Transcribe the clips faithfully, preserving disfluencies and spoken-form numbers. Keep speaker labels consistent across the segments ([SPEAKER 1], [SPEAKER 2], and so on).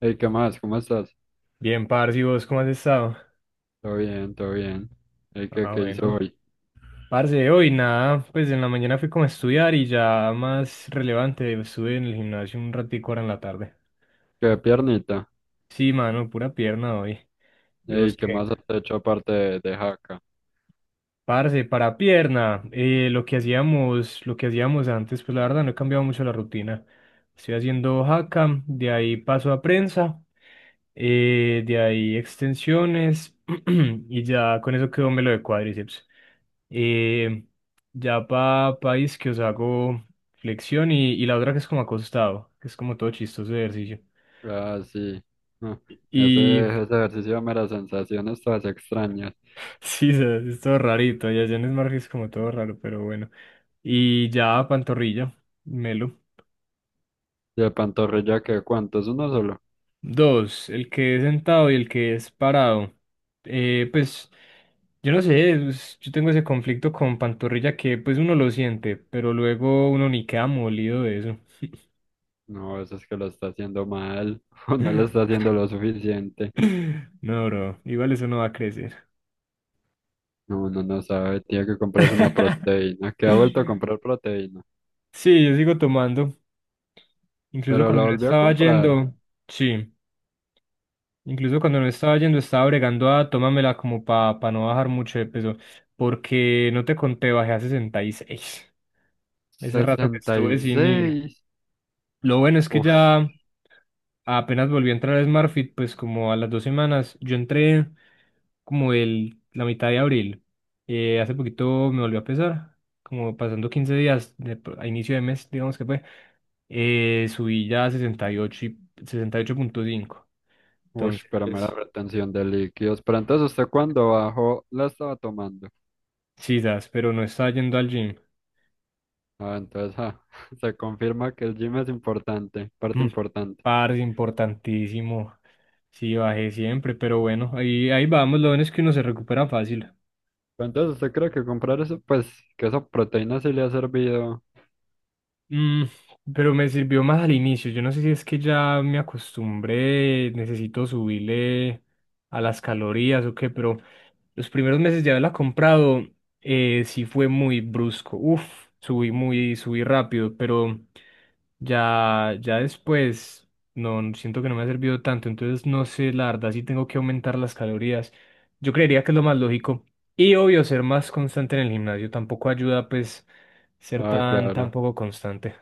[SPEAKER 1] Hey, ¿qué más? ¿Cómo estás?
[SPEAKER 2] Bien, parce, ¿y vos cómo has estado?
[SPEAKER 1] Todo bien, todo bien. Hey, ¿qué,
[SPEAKER 2] Ah,
[SPEAKER 1] qué hice
[SPEAKER 2] bueno.
[SPEAKER 1] hoy?
[SPEAKER 2] Parce, hoy nada, pues en la mañana fui como a estudiar y ya más relevante, estuve en el gimnasio un ratico ahora en la tarde.
[SPEAKER 1] ¿Qué piernita?
[SPEAKER 2] Sí, mano, pura pierna hoy. ¿Y
[SPEAKER 1] Hey,
[SPEAKER 2] vos
[SPEAKER 1] ¿qué
[SPEAKER 2] qué?
[SPEAKER 1] más has hecho aparte de, de jaca?
[SPEAKER 2] Parce, para pierna, eh, lo que hacíamos, lo que hacíamos antes, pues la verdad no he cambiado mucho la rutina. Estoy haciendo hackam, de ahí paso a prensa, eh, de ahí extensiones y ya con eso quedó me lo de cuádriceps. Eh, ya para país que os hago flexión y, y la otra que es como acostado, que es como todo chistoso de ejercicio.
[SPEAKER 1] Ah, sí. Ah, Ese, ese
[SPEAKER 2] Y
[SPEAKER 1] ejercicio me da sensaciones todas extrañas.
[SPEAKER 2] sí, o sea, es todo rarito, ya ya en Smart es como todo raro, pero bueno. Y ya pantorrilla, melo.
[SPEAKER 1] ¿Y de pantorrilla qué? ¿Cuánto? ¿Es uno solo?
[SPEAKER 2] Dos, el que es sentado y el que es parado. Eh, pues, yo no sé, es- yo tengo ese conflicto con Pantorrilla que pues uno lo siente, pero luego uno ni queda molido de eso.
[SPEAKER 1] No, eso es que lo está haciendo mal. O no lo está haciendo lo suficiente.
[SPEAKER 2] No, bro, igual eso no va a crecer.
[SPEAKER 1] No, no, no sabe. Tiene que comprarse una proteína. ¿Qué ha vuelto a comprar proteína?
[SPEAKER 2] Sí, yo sigo tomando. Incluso
[SPEAKER 1] Pero la
[SPEAKER 2] cuando no
[SPEAKER 1] volvió a
[SPEAKER 2] estaba
[SPEAKER 1] comprar.
[SPEAKER 2] yendo, sí, incluso cuando no estaba yendo estaba bregando a tómamela como para no bajar mucho de peso, porque no te conté, bajé a sesenta y seis. Ese rato que
[SPEAKER 1] Sesenta y
[SPEAKER 2] estuve sin ir.
[SPEAKER 1] seis.
[SPEAKER 2] Lo bueno es que
[SPEAKER 1] Uf.
[SPEAKER 2] ya apenas volvió a entrar a SmartFit, pues como a las dos semanas. Yo entré como el, la mitad de abril. Eh, hace poquito me volvió a pesar, como pasando quince días de- a inicio de mes, digamos que fue. Eh, subí ya a sesenta y ocho ocho, sesenta y ocho punto cinco.
[SPEAKER 1] Uy,
[SPEAKER 2] Entonces,
[SPEAKER 1] pero mera
[SPEAKER 2] pues,
[SPEAKER 1] retención de líquidos. Pero entonces usted cuando bajó la estaba tomando.
[SPEAKER 2] sí, das, pero no estaba yendo al gym.
[SPEAKER 1] Ah, entonces ah, se confirma que el gym es importante, parte
[SPEAKER 2] Mm,
[SPEAKER 1] importante.
[SPEAKER 2] parce, importantísimo. Sí, bajé siempre, pero bueno, ahí, ahí vamos. Lo bueno es que uno se recupera fácil.
[SPEAKER 1] Pero entonces usted cree que comprar eso, pues que esa proteína sí le ha servido.
[SPEAKER 2] Mm, pero me sirvió más al inicio. Yo no sé si es que ya me acostumbré, necesito subirle a las calorías o qué, pero los primeros meses de haberla comprado, eh, sí fue muy brusco. Uf, subí muy, subí rápido, pero ya, ya después no no- siento que no me ha servido tanto. Entonces no sé, la verdad, sí tengo que aumentar las calorías. Yo creería que es lo más lógico. Y obvio, ser más constante en el gimnasio tampoco ayuda, pues, ser
[SPEAKER 1] Ah,
[SPEAKER 2] tan, tan
[SPEAKER 1] claro.
[SPEAKER 2] poco constante.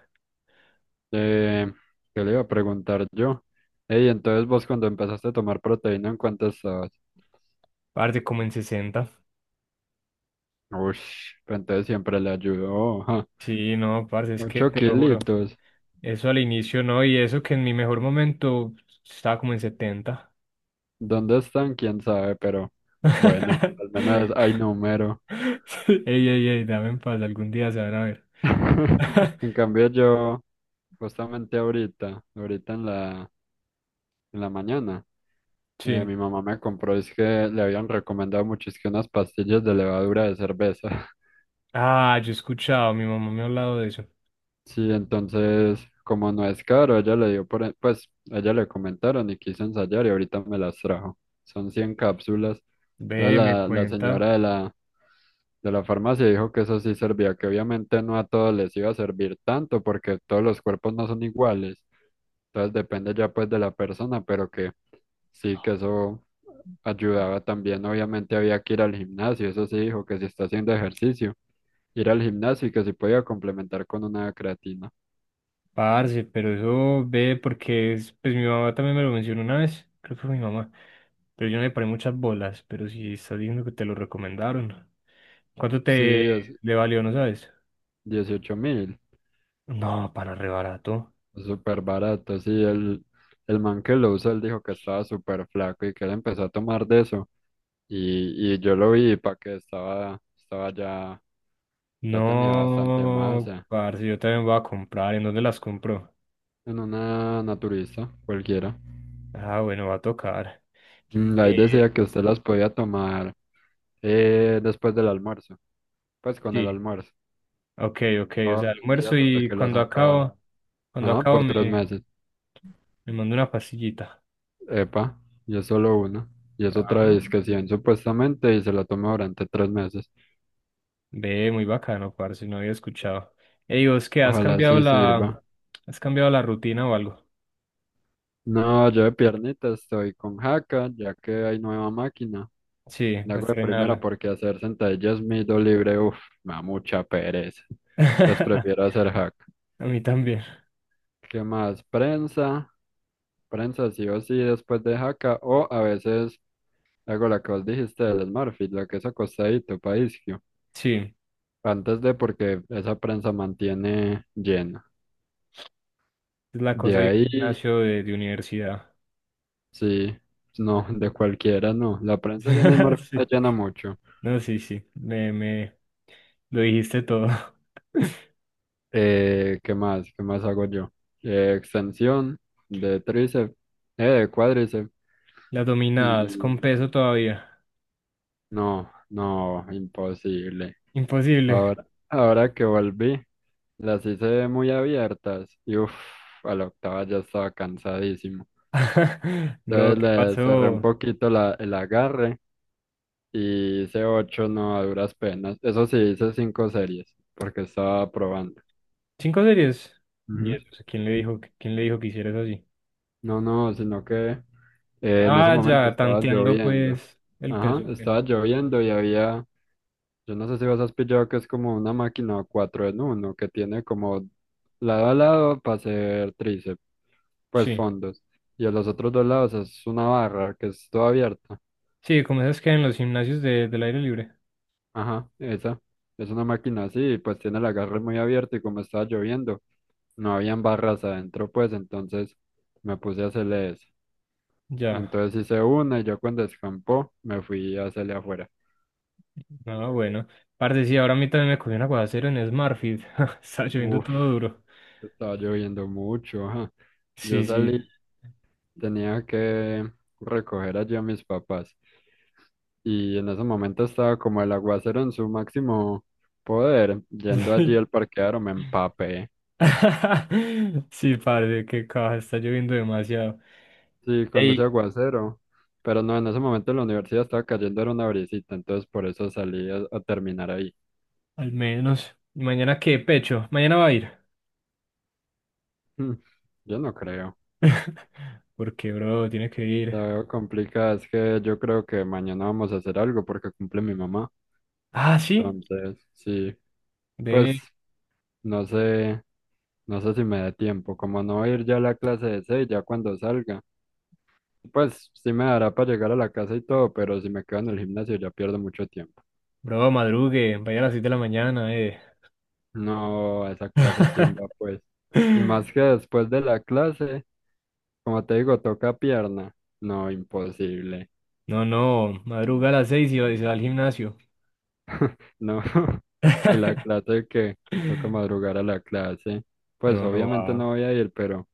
[SPEAKER 1] Eh, ¿Qué le iba a preguntar yo? Ey, entonces vos cuando empezaste a tomar proteína, ¿en cuánto estabas?
[SPEAKER 2] Parce, como en sesenta.
[SPEAKER 1] Uy, pero entonces siempre le ayudó. Ja.
[SPEAKER 2] Sí, no, parce, es que
[SPEAKER 1] Ocho
[SPEAKER 2] te lo juro.
[SPEAKER 1] kilitos.
[SPEAKER 2] Eso al inicio no, y eso que en mi mejor momento estaba como en setenta.
[SPEAKER 1] ¿Dónde están? Quién sabe, pero bueno, al menos hay número.
[SPEAKER 2] Ey, ey, ey, dame en paz, algún día se van a ver.
[SPEAKER 1] En cambio yo, justamente ahorita, ahorita en la, en la mañana, eh,
[SPEAKER 2] Sí.
[SPEAKER 1] mi mamá me compró, es que le habían recomendado mucho, es que unas pastillas de levadura de cerveza.
[SPEAKER 2] Ah, yo he escuchado, mi mamá me ha hablado de eso.
[SPEAKER 1] Sí, entonces, como no es caro, ella le dio por, e- pues, a ella le comentaron y quiso ensayar y ahorita me las trajo. Son cien cápsulas. Entonces
[SPEAKER 2] Ve, me
[SPEAKER 1] la, la señora
[SPEAKER 2] cuenta,
[SPEAKER 1] de la, de la farmacia dijo que eso sí servía, que obviamente no a todos les iba a servir tanto porque todos los cuerpos no son iguales. Entonces depende ya pues de la persona, pero que sí que eso ayudaba también. Obviamente había que ir al gimnasio, eso sí dijo que si está haciendo ejercicio, ir al gimnasio y que si podía complementar con una creatina.
[SPEAKER 2] parce, pero eso ve porque es, pues mi mamá también me lo mencionó una vez, creo que fue mi mamá. Pero yo no le paré muchas bolas, pero si estás diciendo que te lo recomendaron. ¿Cuánto
[SPEAKER 1] Sí,
[SPEAKER 2] te
[SPEAKER 1] es
[SPEAKER 2] le valió, no sabes?
[SPEAKER 1] dieciocho mil,
[SPEAKER 2] No, para re barato.
[SPEAKER 1] súper barato. Sí, el, el man que lo usa, él dijo que estaba súper flaco y que él empezó a tomar de eso. Y, y yo lo vi para que estaba, estaba ya, ya tenía bastante
[SPEAKER 2] No,
[SPEAKER 1] masa
[SPEAKER 2] parce, yo también voy a comprar. ¿En dónde las compro?
[SPEAKER 1] en una naturista cualquiera.
[SPEAKER 2] Ah, bueno, va a tocar.
[SPEAKER 1] Mm, Ahí
[SPEAKER 2] Eh,
[SPEAKER 1] decía que usted las podía tomar. Eh, después del almuerzo, pues con el
[SPEAKER 2] sí,
[SPEAKER 1] almuerzo,
[SPEAKER 2] ok, ok. O
[SPEAKER 1] todos
[SPEAKER 2] sea,
[SPEAKER 1] los días
[SPEAKER 2] almuerzo
[SPEAKER 1] hasta
[SPEAKER 2] y
[SPEAKER 1] que las
[SPEAKER 2] cuando
[SPEAKER 1] acabara.
[SPEAKER 2] acabo, cuando
[SPEAKER 1] No,
[SPEAKER 2] acabo
[SPEAKER 1] por tres
[SPEAKER 2] me,
[SPEAKER 1] meses.
[SPEAKER 2] me mando una pastillita.
[SPEAKER 1] Epa, y es solo una. Y es otra
[SPEAKER 2] Ah,
[SPEAKER 1] disquisición supuestamente y se la toma durante tres meses.
[SPEAKER 2] ve, muy bacano, parce, no había escuchado. Ey, ¿vos qué? ¿Has
[SPEAKER 1] Ojalá
[SPEAKER 2] cambiado
[SPEAKER 1] sí
[SPEAKER 2] la,
[SPEAKER 1] sirva.
[SPEAKER 2] has cambiado la rutina o algo?
[SPEAKER 1] No, yo de piernita estoy con jaca, ya que hay nueva máquina.
[SPEAKER 2] Sí,
[SPEAKER 1] La
[SPEAKER 2] pues
[SPEAKER 1] hago de primera
[SPEAKER 2] estrenarla.
[SPEAKER 1] porque hacer sentadillas mido libre, uff, me da mucha pereza. Entonces
[SPEAKER 2] A
[SPEAKER 1] prefiero hacer jaca.
[SPEAKER 2] mí también.
[SPEAKER 1] ¿Qué más? Prensa. Prensa sí o sí después de jaca o a veces. Hago la que vos dijiste del Smurfit, la que es acostadito, paisio.
[SPEAKER 2] Sí,
[SPEAKER 1] Antes de porque esa prensa mantiene llena.
[SPEAKER 2] es la
[SPEAKER 1] De
[SPEAKER 2] cosa de un
[SPEAKER 1] ahí,
[SPEAKER 2] gimnasio de, de universidad.
[SPEAKER 1] sí, no, de cualquiera no. La prensa llena es Smurfit la
[SPEAKER 2] Sí.
[SPEAKER 1] llena mucho.
[SPEAKER 2] No, sí, sí. Me, me lo dijiste todo.
[SPEAKER 1] Eh, ¿qué más? ¿Qué más hago yo? Eh, extensión de tríceps, eh, de cuádriceps.
[SPEAKER 2] Las dominadas con
[SPEAKER 1] Y
[SPEAKER 2] peso todavía.
[SPEAKER 1] no, no, imposible.
[SPEAKER 2] Imposible.
[SPEAKER 1] Ahora, ahora que volví, las hice muy abiertas. Y uff, a la octava ya estaba cansadísimo.
[SPEAKER 2] Bro,
[SPEAKER 1] Entonces
[SPEAKER 2] ¿qué
[SPEAKER 1] le cerré un
[SPEAKER 2] pasó?
[SPEAKER 1] poquito la, el agarre y hice ocho no a duras penas. Eso sí, hice cinco series porque estaba probando.
[SPEAKER 2] ¿Cinco series? ¿Y
[SPEAKER 1] Ujú.
[SPEAKER 2] eso? O sea, ¿quién le dijo, que- quién le dijo que hicieras así?
[SPEAKER 1] No, no, sino que eh, en ese
[SPEAKER 2] Ah,
[SPEAKER 1] momento
[SPEAKER 2] ya,
[SPEAKER 1] estaba
[SPEAKER 2] tanteando
[SPEAKER 1] lloviendo.
[SPEAKER 2] pues el peso.
[SPEAKER 1] Ajá,
[SPEAKER 2] ¿Qué?
[SPEAKER 1] estaba lloviendo y había, yo no sé si vos has pillado que es como una máquina cuatro en uno que tiene como lado a lado para hacer tríceps, pues
[SPEAKER 2] Sí.
[SPEAKER 1] fondos. Y a los otros dos lados es una barra que es todo abierta.
[SPEAKER 2] Sí, como esas que hay en los gimnasios de, del aire libre.
[SPEAKER 1] Ajá, esa. Es una máquina así, pues tiene el agarre muy abierto y como estaba lloviendo, no habían barras adentro, pues entonces me puse a hacerle eso.
[SPEAKER 2] Ya.
[SPEAKER 1] Entonces hice una y yo cuando escampó me fui a hacerle afuera.
[SPEAKER 2] Ah, bueno. Parce, sí, ahora a mí también me cogió un aguacero en Smartfit. Está lloviendo
[SPEAKER 1] Uf,
[SPEAKER 2] todo duro.
[SPEAKER 1] estaba lloviendo mucho, ajá. Yo
[SPEAKER 2] Sí,
[SPEAKER 1] salí,
[SPEAKER 2] sí.
[SPEAKER 1] tenía que recoger allí a mis papás y en ese momento estaba como el aguacero en su máximo poder. Yendo allí al parqueadero me empapé.
[SPEAKER 2] Sí, parce, qué caja, está lloviendo demasiado.
[SPEAKER 1] Sí, cuando ese
[SPEAKER 2] Ey,
[SPEAKER 1] aguacero. Pero no, en ese momento en la universidad estaba cayendo era una brisita, entonces por eso salí a, a terminar ahí.
[SPEAKER 2] al menos. ¿Y mañana qué, pecho? Mañana va a ir.
[SPEAKER 1] Mm, Yo no creo.
[SPEAKER 2] Porque, bro, tiene que ir.
[SPEAKER 1] La veo complicada, es que yo creo que mañana vamos a hacer algo porque cumple mi mamá.
[SPEAKER 2] Ah, sí.
[SPEAKER 1] Entonces, sí, pues
[SPEAKER 2] Ve,
[SPEAKER 1] no sé, no sé si me da tiempo. Como no voy a ir ya a la clase de seis, ya cuando salga, pues sí me dará para llegar a la casa y todo, pero si me quedo en el gimnasio ya pierdo mucho tiempo.
[SPEAKER 2] bro, madrugue. Vaya a las seis de la mañana, eh.
[SPEAKER 1] No, a esa clase, ¿quién va pues? Y más que después de la clase. Como te digo, toca pierna. No, imposible.
[SPEAKER 2] No, no. Madruga a las seis y va- y se va al gimnasio.
[SPEAKER 1] No. Y la clase que toca madrugar a la clase. Pues
[SPEAKER 2] No, no va.
[SPEAKER 1] obviamente no voy a ir, pero,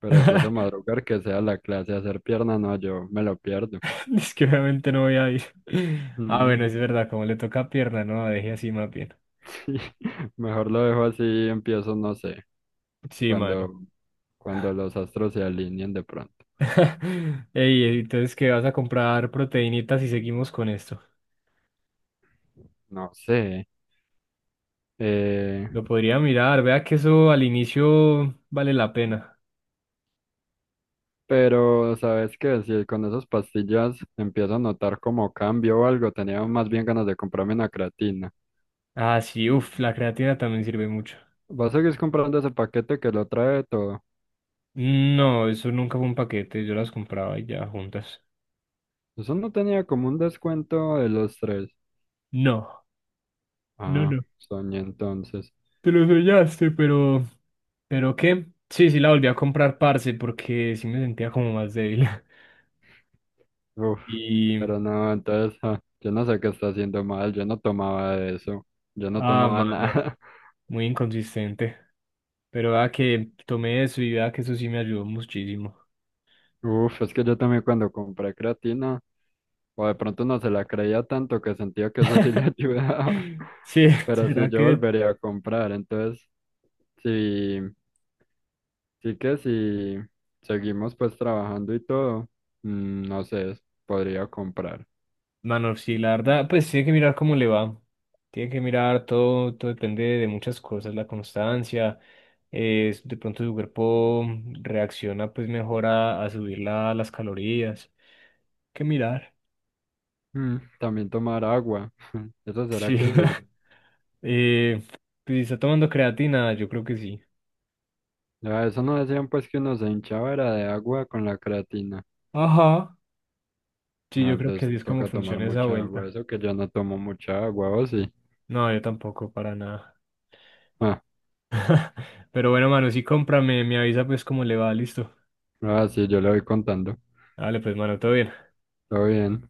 [SPEAKER 1] pero si eso madrugar que sea la clase, hacer pierna, no, yo me lo pierdo.
[SPEAKER 2] Es que obviamente no voy a ir. Ah,
[SPEAKER 1] Mm,
[SPEAKER 2] bueno, es verdad, como le toca pierna, no, deje así más bien.
[SPEAKER 1] sí. Mejor lo dejo así y empiezo, no sé,
[SPEAKER 2] Sí, mano.
[SPEAKER 1] cuando, cuando los astros se alineen de pronto.
[SPEAKER 2] Ey, entonces, ¿qué vas a comprar proteínitas y seguimos con esto?
[SPEAKER 1] No sé. Eh,
[SPEAKER 2] Lo podría mirar, vea que eso al inicio vale la pena.
[SPEAKER 1] Pero, ¿sabes qué? Si con esas pastillas empiezo a notar como cambio o algo, tenía más bien ganas de comprarme una creatina.
[SPEAKER 2] Ah, sí, uff, la creatina también sirve mucho.
[SPEAKER 1] ¿Vas a seguir comprando ese paquete que lo trae todo?
[SPEAKER 2] No, eso nunca fue un paquete, yo las compraba y ya juntas.
[SPEAKER 1] Eso no tenía como un descuento de los tres.
[SPEAKER 2] No, no,
[SPEAKER 1] Ah,
[SPEAKER 2] no.
[SPEAKER 1] soñé entonces.
[SPEAKER 2] Te lo soñaste, pero... ¿Pero qué? Sí, sí, la volví a comprar, parce, porque sí me sentía como más débil.
[SPEAKER 1] Uf,
[SPEAKER 2] Y,
[SPEAKER 1] pero no, entonces, ah, yo no sé qué está haciendo mal, yo no tomaba eso, yo no
[SPEAKER 2] ah,
[SPEAKER 1] tomaba
[SPEAKER 2] mano,
[SPEAKER 1] nada.
[SPEAKER 2] muy inconsistente. Pero vea que tomé eso y vea que eso sí me ayudó muchísimo.
[SPEAKER 1] Uf, es que yo también cuando compré creatina, o de pronto no se la creía tanto que sentía que eso sí le ayudaba.
[SPEAKER 2] Sí,
[SPEAKER 1] Pero sí,
[SPEAKER 2] será
[SPEAKER 1] yo
[SPEAKER 2] que,
[SPEAKER 1] volvería a comprar, entonces, sí, sí que si seguimos pues trabajando y todo, mm, no sé, podría comprar.
[SPEAKER 2] mano, sí, la verdad, pues tiene que mirar cómo le va. Tiene que mirar todo, todo depende de muchas cosas, la constancia, eh, de pronto su cuerpo reacciona pues mejor a, a subir la- las calorías. Hay que mirar.
[SPEAKER 1] Mm, también tomar agua, ¿eso será
[SPEAKER 2] Sí.
[SPEAKER 1] que sirve?
[SPEAKER 2] Eh, pues si está tomando creatina, yo creo que sí.
[SPEAKER 1] Ya, eso no decían pues que uno se hinchaba era de agua con la creatina.
[SPEAKER 2] Ajá. Sí,
[SPEAKER 1] Ah,
[SPEAKER 2] yo creo que
[SPEAKER 1] entonces
[SPEAKER 2] así es como
[SPEAKER 1] toca tomar
[SPEAKER 2] funciona esa
[SPEAKER 1] mucha agua,
[SPEAKER 2] vuelta.
[SPEAKER 1] eso que yo no tomo mucha agua, ¿o sí?
[SPEAKER 2] No, yo tampoco, para nada.
[SPEAKER 1] Ah,
[SPEAKER 2] Pero bueno, mano, sí cómprame, me avisa pues cómo le va, listo.
[SPEAKER 1] ah, sí, yo le voy contando,
[SPEAKER 2] Dale, pues, mano, todo bien.
[SPEAKER 1] todo bien.